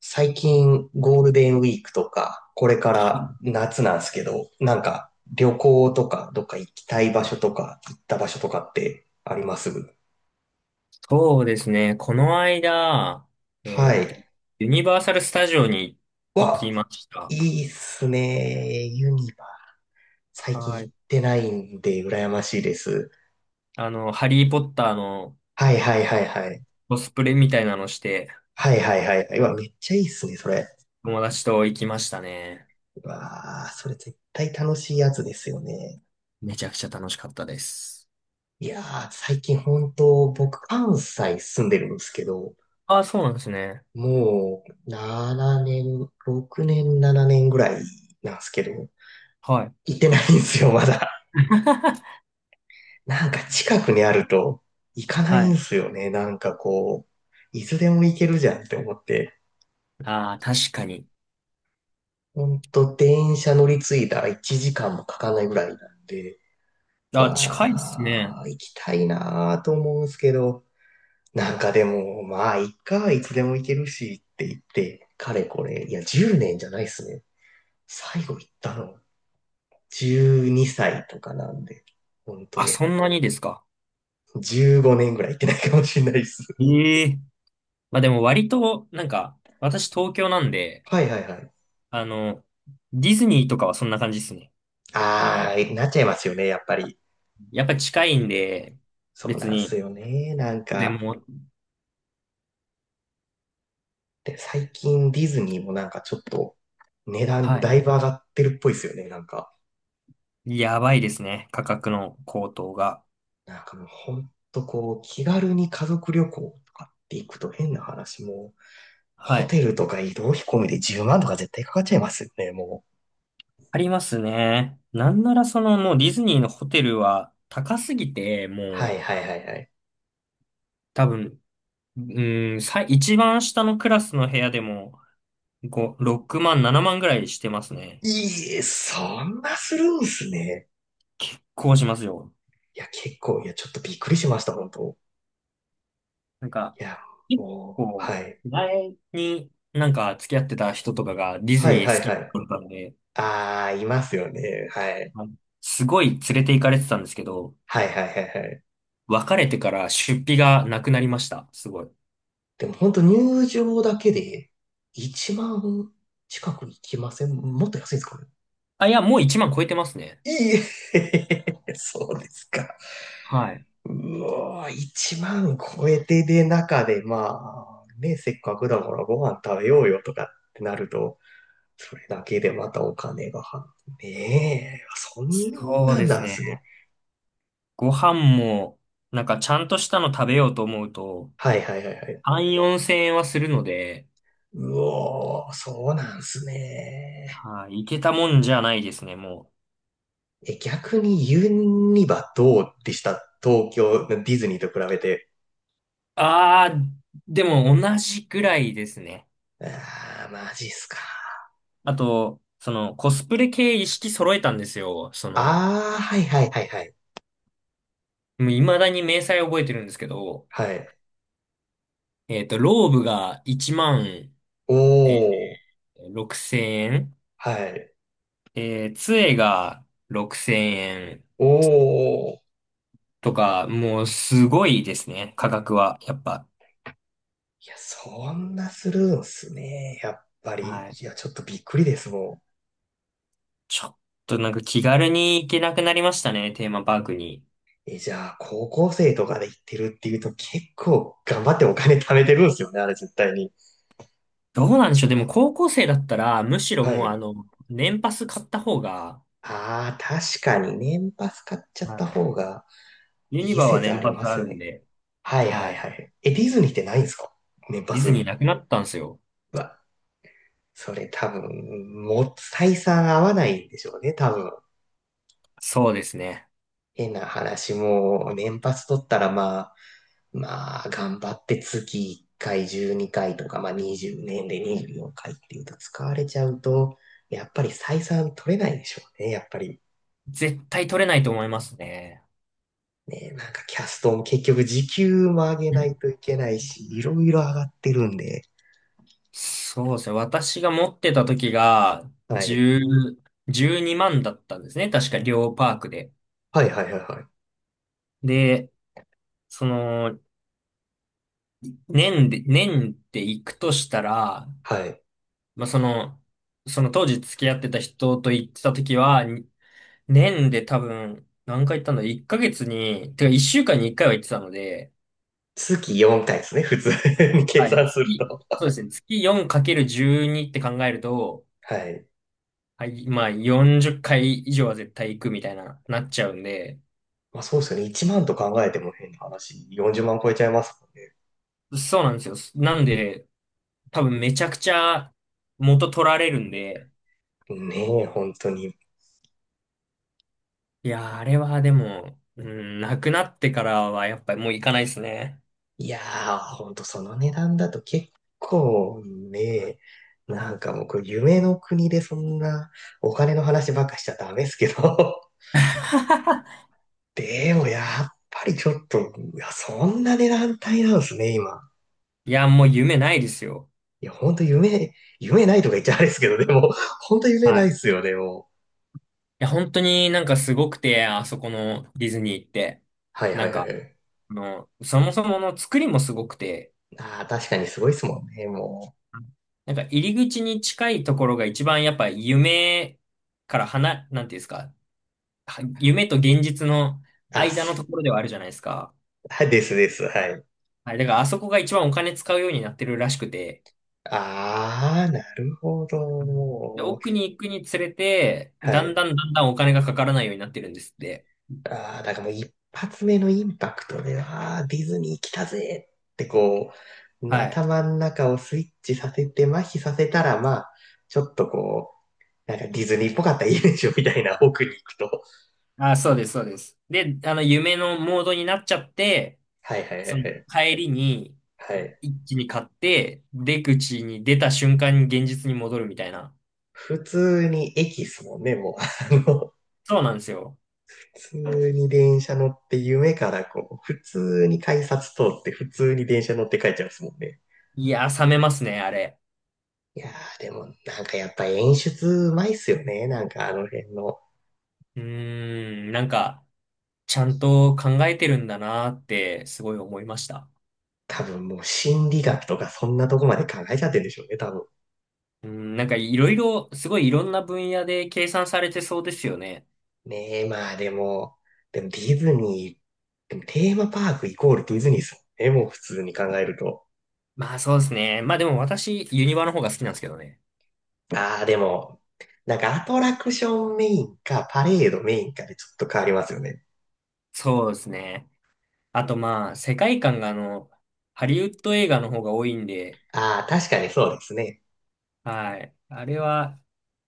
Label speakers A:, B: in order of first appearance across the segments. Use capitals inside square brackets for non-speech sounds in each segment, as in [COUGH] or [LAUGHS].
A: 最近ゴールデンウィークとか、これから夏なんですけど、なんか旅行とか、どっか行きたい場所とか、行った場所とかってあります？
B: そうですね。この間、え
A: は
B: ーっと、
A: い。
B: ユニバーサル・スタジオに行き
A: わ、
B: まし
A: い
B: た。
A: いっすね。ユニバ。最近
B: は
A: 行っ
B: い。
A: てないんで、羨ましいです。
B: ハリー・ポッターの
A: はいはいはいはい。
B: コスプレみたいなのして、
A: はいはいはいはい。うわ、めっちゃいいっすね、それ。
B: 友達と行きましたね。
A: うわー、それ絶対楽しいやつですよね。
B: めちゃくちゃ楽しかったです。
A: いやー、最近本当、僕、関西住んでるんですけど、
B: ああ、そうなんですね。
A: もう、7年、6年、7年ぐらいなんですけど、
B: はい。
A: 行ってないんですよ、まだ。
B: [LAUGHS]
A: [LAUGHS] なんか近くにあると、行かな
B: は
A: いんで
B: い。
A: すよね。なんかこう、いつでも行けるじゃんって思って。
B: ああ、確かに。
A: ほんと、電車乗り継いだ1時間もかかないぐらいなんで、
B: あ、近いですね。
A: わー、行きたいなーと思うんですけど、なんかでも、まあ、いっか、いつでも行けるしって言って、かれこれ、いや、10年じゃないっすね。最後行ったの、12歳とかなんで、本
B: あ、そ
A: 当
B: んなにですか。
A: 15年ぐらい行ってないかもしれないです。
B: ええ。まあでも割と、なんか、私東京なん
A: [LAUGHS]
B: で、
A: はいはいはい。
B: あの、ディズニーとかはそんな感じですね。
A: ああ、なっちゃいますよね、やっぱり。
B: やっぱり近いんで、
A: そう
B: 別
A: なんす
B: に、
A: よね。なん
B: で
A: か、
B: も、
A: で、最近ディズニーもなんかちょっと値段
B: はい。
A: だいぶ上がってるっぽいですよね、なんか。
B: やばいですね。価格の高騰が。
A: なんかもうほんとこう、気軽に家族旅行とかって行くと変な話も、
B: は
A: ホ
B: い。
A: テルとか移動費込みで10万とか絶対かかっちゃいますよね、もう。
B: ありますね。なんならもうディズニーのホテルは高すぎて、
A: は
B: も
A: い
B: う
A: はいはいはい。
B: 多分、うん、一番下のクラスの部屋でも5、6万、7万ぐらいしてますね。
A: いいえ、そんなするんすね。
B: 結構しますよ。
A: いや、結構、いや、ちょっとびっくりしました、本当。
B: なんか、
A: いや、
B: 結
A: もう、
B: 構、
A: はい。
B: 前になんか付き合ってた人とかがディズ
A: は
B: ニ
A: いは
B: ー
A: い
B: 好
A: は
B: き
A: い。
B: だったんで、
A: ああ、いますよね。はい。
B: あのすごい連れて行かれてたんですけど、
A: はいはいはいはい。
B: 別れてから出費がなくなりました。すごい。
A: でも本当入場だけで1万近くいきません？もっと安いんですかね。
B: あ、いや、もう1万超えてますね。
A: いいえ。 [LAUGHS] そうですか。
B: はい。
A: うわー、1万超えてで中で、まあ、ね、せっかくだからご飯食べようよとかってなると、それだけでまたお金がは、ねえ、そん
B: そう
A: な
B: で
A: ん
B: す
A: なん
B: ね。
A: すね。
B: ご飯も、なんかちゃんとしたの食べようと思うと、
A: はいはいはいはい。
B: 3、4千円はするので、
A: うおー、そうなんすね。
B: はい、いけたもんじゃないですね、もう。
A: え、逆にユニバどうでした？東京、ディズニーと比べて。
B: あー、でも同じぐらいですね。
A: あー、マジっすか。
B: あと、コスプレ系一式揃えたんですよ。も
A: あー、はいはいはいはい。
B: う未だに明細覚えてるんですけど、
A: はい。
B: ローブが1万
A: お
B: え
A: ー、
B: 6000円。
A: はい。
B: 杖が6000円
A: おー。
B: とか、もうすごいですね、価格は。やっぱ。
A: いや、そんなするんすね。やっぱり。
B: はい。
A: いや、ちょっとびっくりですも
B: ちょっとなんか気軽に行けなくなりましたね、テーマパークに。
A: ん。え、じゃあ、高校生とかで行ってるっていうと結構頑張ってお金貯めてるんすよね、あれ絶対に。
B: どうなんでしょう。でも高校生だったら、むしろ
A: は
B: もう
A: い。
B: 年パス買った方が、
A: ああ、確かに年パス買っちゃっ
B: は
A: た
B: い。
A: 方が
B: ユニ
A: いい
B: バは
A: 説あ
B: 年
A: り
B: パス
A: ま
B: あ
A: す
B: るん
A: ね。
B: で、
A: はいは
B: は
A: い
B: い。
A: はい。え、ディズニーってないんですか？年パ
B: ディ
A: ス。
B: ズニ
A: う
B: ーなくなったんですよ。
A: わ、それ多分、もう採算合わないんでしょうね、多分。
B: そうですね。
A: 変な話も、年パス取ったらまあ、まあ、頑張って月1回12回とか、まあ20年で24回っていうと使われちゃうと、やっぱり採算取れないでしょうね、やっぱり。
B: 絶対取れないと思いますね。
A: ね、なんかキャストも結局時給も上げないといけないし、いろいろ上がってるんで。
B: そうですね。私が持ってた時が、
A: はい。
B: 10、12万だったんですね。確か、両パークで。
A: はいはいはいはい。
B: で、その、年で行くとしたら、
A: はい。
B: まあ、その当時付き合ってた人と行ってた時は、年で多分、何回行ったんだ ?1 ヶ月に、てか1週間に1回は行ってたので、
A: 月4回ですね、普通に [LAUGHS] 計
B: はい。
A: 算すると。
B: そうですね。月 4×12 って考えると、
A: はい。
B: はい、まあ40回以上は絶対行くみたいな、なっちゃうんで、
A: まあそうですよね。1万と考えても変な話、40万超えちゃいますも
B: そうなんですよ。なんで、多分めちゃくちゃ元取られるんで、
A: んね。ねえ、本当に。
B: いやー、あれはでも、うん、なくなってからはやっぱりもう行かないですね。
A: いやー、本当その値段だと結構ね、なんかもうこれ夢の国でそんなお金の話ばっかしちゃダメですけど。
B: [LAUGHS]
A: でもやっぱりちょっと、いやそんな値段帯なんですね、今。
B: いや、もう夢ないですよ。
A: いや、ほんと夢ないとか言っちゃあれですけど、でも、[LAUGHS] ほんと夢
B: は
A: ないっ
B: い。い
A: すよね、もう。
B: や、本当になんかすごくて、あそこのディズニー行って。
A: はいは
B: な
A: い
B: ん
A: は
B: か、
A: い。
B: そもそもの作りもすごくて、
A: ああ、確かにすごいっすもんね、も
B: なんか入り口に近いところが一番やっぱ夢から離、なんていうんですか、は夢と現実の
A: う。
B: 間のところではあるじゃないですか。
A: はい、ですです、はい。
B: はい、だからあそこが一番お金使うようになってるらしくて、
A: ああ、なるほど、
B: で、
A: も
B: 奥に行くにつれて、
A: う。は
B: だん
A: い。
B: だんだんだんお金がかからないようになってるんですって。
A: ああ、だからもう一発目のインパクトで、ああ、ディズニー来たぜってこう、
B: はい。
A: 頭の中をスイッチさせて、麻痺させたら、まあ、ちょっとこう、なんかディズニーっぽかったらいいでしょみたいな奥に行くと。
B: あ、そうです、そうです。で、夢のモードになっちゃって、
A: はいはいは
B: その
A: い
B: 帰りに
A: はい。はい。
B: 一気に買って、出口に出た瞬間に現実に戻るみたいな。
A: 普通に駅っすもんね、もう。
B: そうなんですよ。
A: 普通に電車乗って夢からこう、普通に改札通って普通に電車乗って帰っちゃうんですもんね。
B: いやー、冷めますね、あれ。
A: いやー、でもなんかやっぱ演出うまいっすよね。なんかあの辺の。
B: うーん、なんか、ちゃんと考えてるんだなーって、すごい思いました。
A: 多分もう心理学とかそんなとこまで考えちゃってるんでしょうね、多分。
B: うん、なんかいろいろ、すごいいろんな分野で計算されてそうですよね。
A: ねえ、まあでも、でもディズニー、でもテーマパークイコールディズニーっすもんね、もう普通に考えると。
B: まあそうですね。まあでも私、ユニバの方が好きなんですけどね。
A: ああ、でも、なんかアトラクションメインかパレードメインかでちょっと変わりますよね。
B: そうですね。あとまあ、世界観がハリウッド映画の方が多いんで、
A: ああ、確かにそうですね。
B: はい。あれは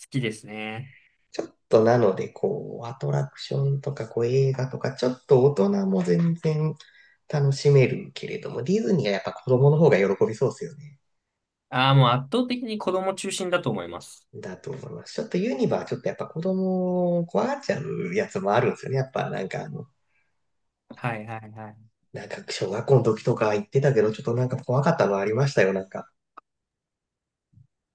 B: 好きですね。
A: ちょっとなので、こう、アトラクションとか、こう、映画とか、ちょっと大人も全然楽しめるけれども、ディズニーはやっぱ子供の方が喜びそうですよね。
B: ああ、もう圧倒的に子供中心だと思います。
A: だと思います。ちょっとやっぱ子供を怖がっちゃうやつもあるんですよね。やっぱなんか
B: はいはいはい。
A: なんか小学校の時とか行ってたけど、ちょっとなんか怖かったのありましたよ。なんか、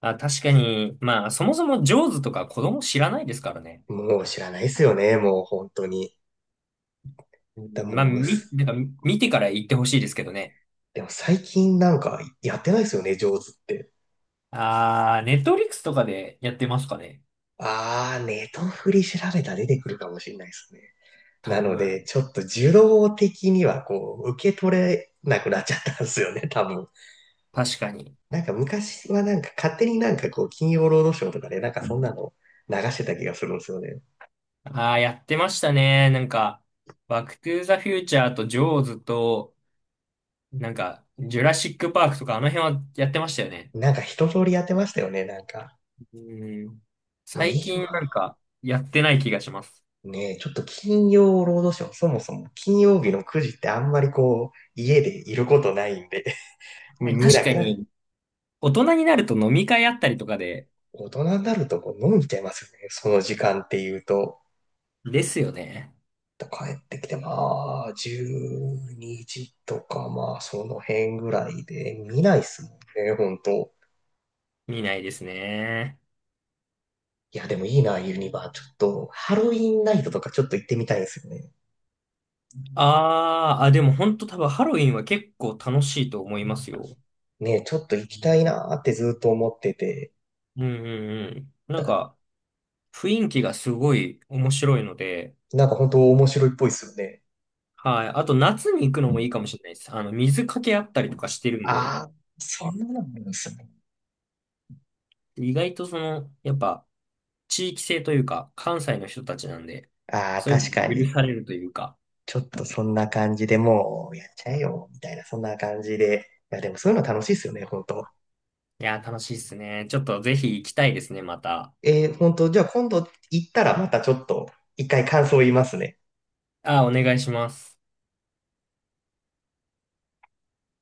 B: あ、確かに、まあそもそもジョーズとか子供知らないですからね。
A: もう知らないですよね。もう本当に。
B: うん
A: で
B: まあ、
A: もう、す
B: なんか見てから言ってほしいですけどね。
A: でも最近なんかやってないですよね、上手って。
B: あー、ネットフリックスとかでやってますかね。
A: あー、ネトフリ調べたら出てくるかもしれないですね。な
B: 多
A: の
B: 分、
A: で、ちょっと受動的にはこう、受け取れなくなっちゃったんですよね、多分。
B: 確かに。
A: なんか昔はなんか勝手になんかこう、金曜ロードショーとかでなんかそんなの流してた気がするんですよね。
B: ああ、やってましたね。なんか、バックトゥーザフューチャーとジョーズと、なんか、ジュラシックパークとか、あの辺はやってましたよね。
A: なんか一通りやってましたよね、なんか。
B: うん。
A: まあ
B: 最
A: 今
B: 近なんか、やってない気がします。
A: ね、ちょっと金曜ロードショー、そもそも金曜日の9時ってあんまりこう、家でいることないんで、[LAUGHS]
B: ね
A: 見
B: 確
A: な
B: か
A: くなっ
B: に、大人になると飲み会あったりとかで、
A: 大人になるとこう飲んじゃいますよね。その時間っていうと。
B: ですよね。
A: 帰ってきて、まあ、12時とか、まあ、その辺ぐらいで、見ないっすもんね、ほんと。
B: 見ないですね。
A: いや、でもいいな、ユニバー。ちょっと、ハロウィンナイトとかちょっと行ってみたいんですよね。
B: あーあ、でも本当多分ハロウィンは結構楽しいと思いますよ。
A: ねえ、ちょっと行きたいなーってずっと思ってて、
B: うんうんうん。なんか、雰囲気がすごい面白いので、
A: なんかほんと面白いっぽいっすよね。
B: はい。あと夏に行くのもいいかもしれないです。水かけあったりとかしてるんで、
A: ああ、そんなのもあるんですね。
B: 意外とその、やっぱ、地域性というか、関西の人たちなんで、
A: ああ、
B: そういうの
A: 確か
B: が
A: に。
B: 許されるというか、
A: ちょっとそんな感じでもうやっちゃえよ、みたいな、そんな感じで。いや、でもそういうの楽しいっすよね、本当。
B: いやー、楽しいっすね。ちょっとぜひ行きたいですね、また。
A: 本当、じゃあ今度行ったらまたちょっと一回感想言いますね。
B: あー、お願いします。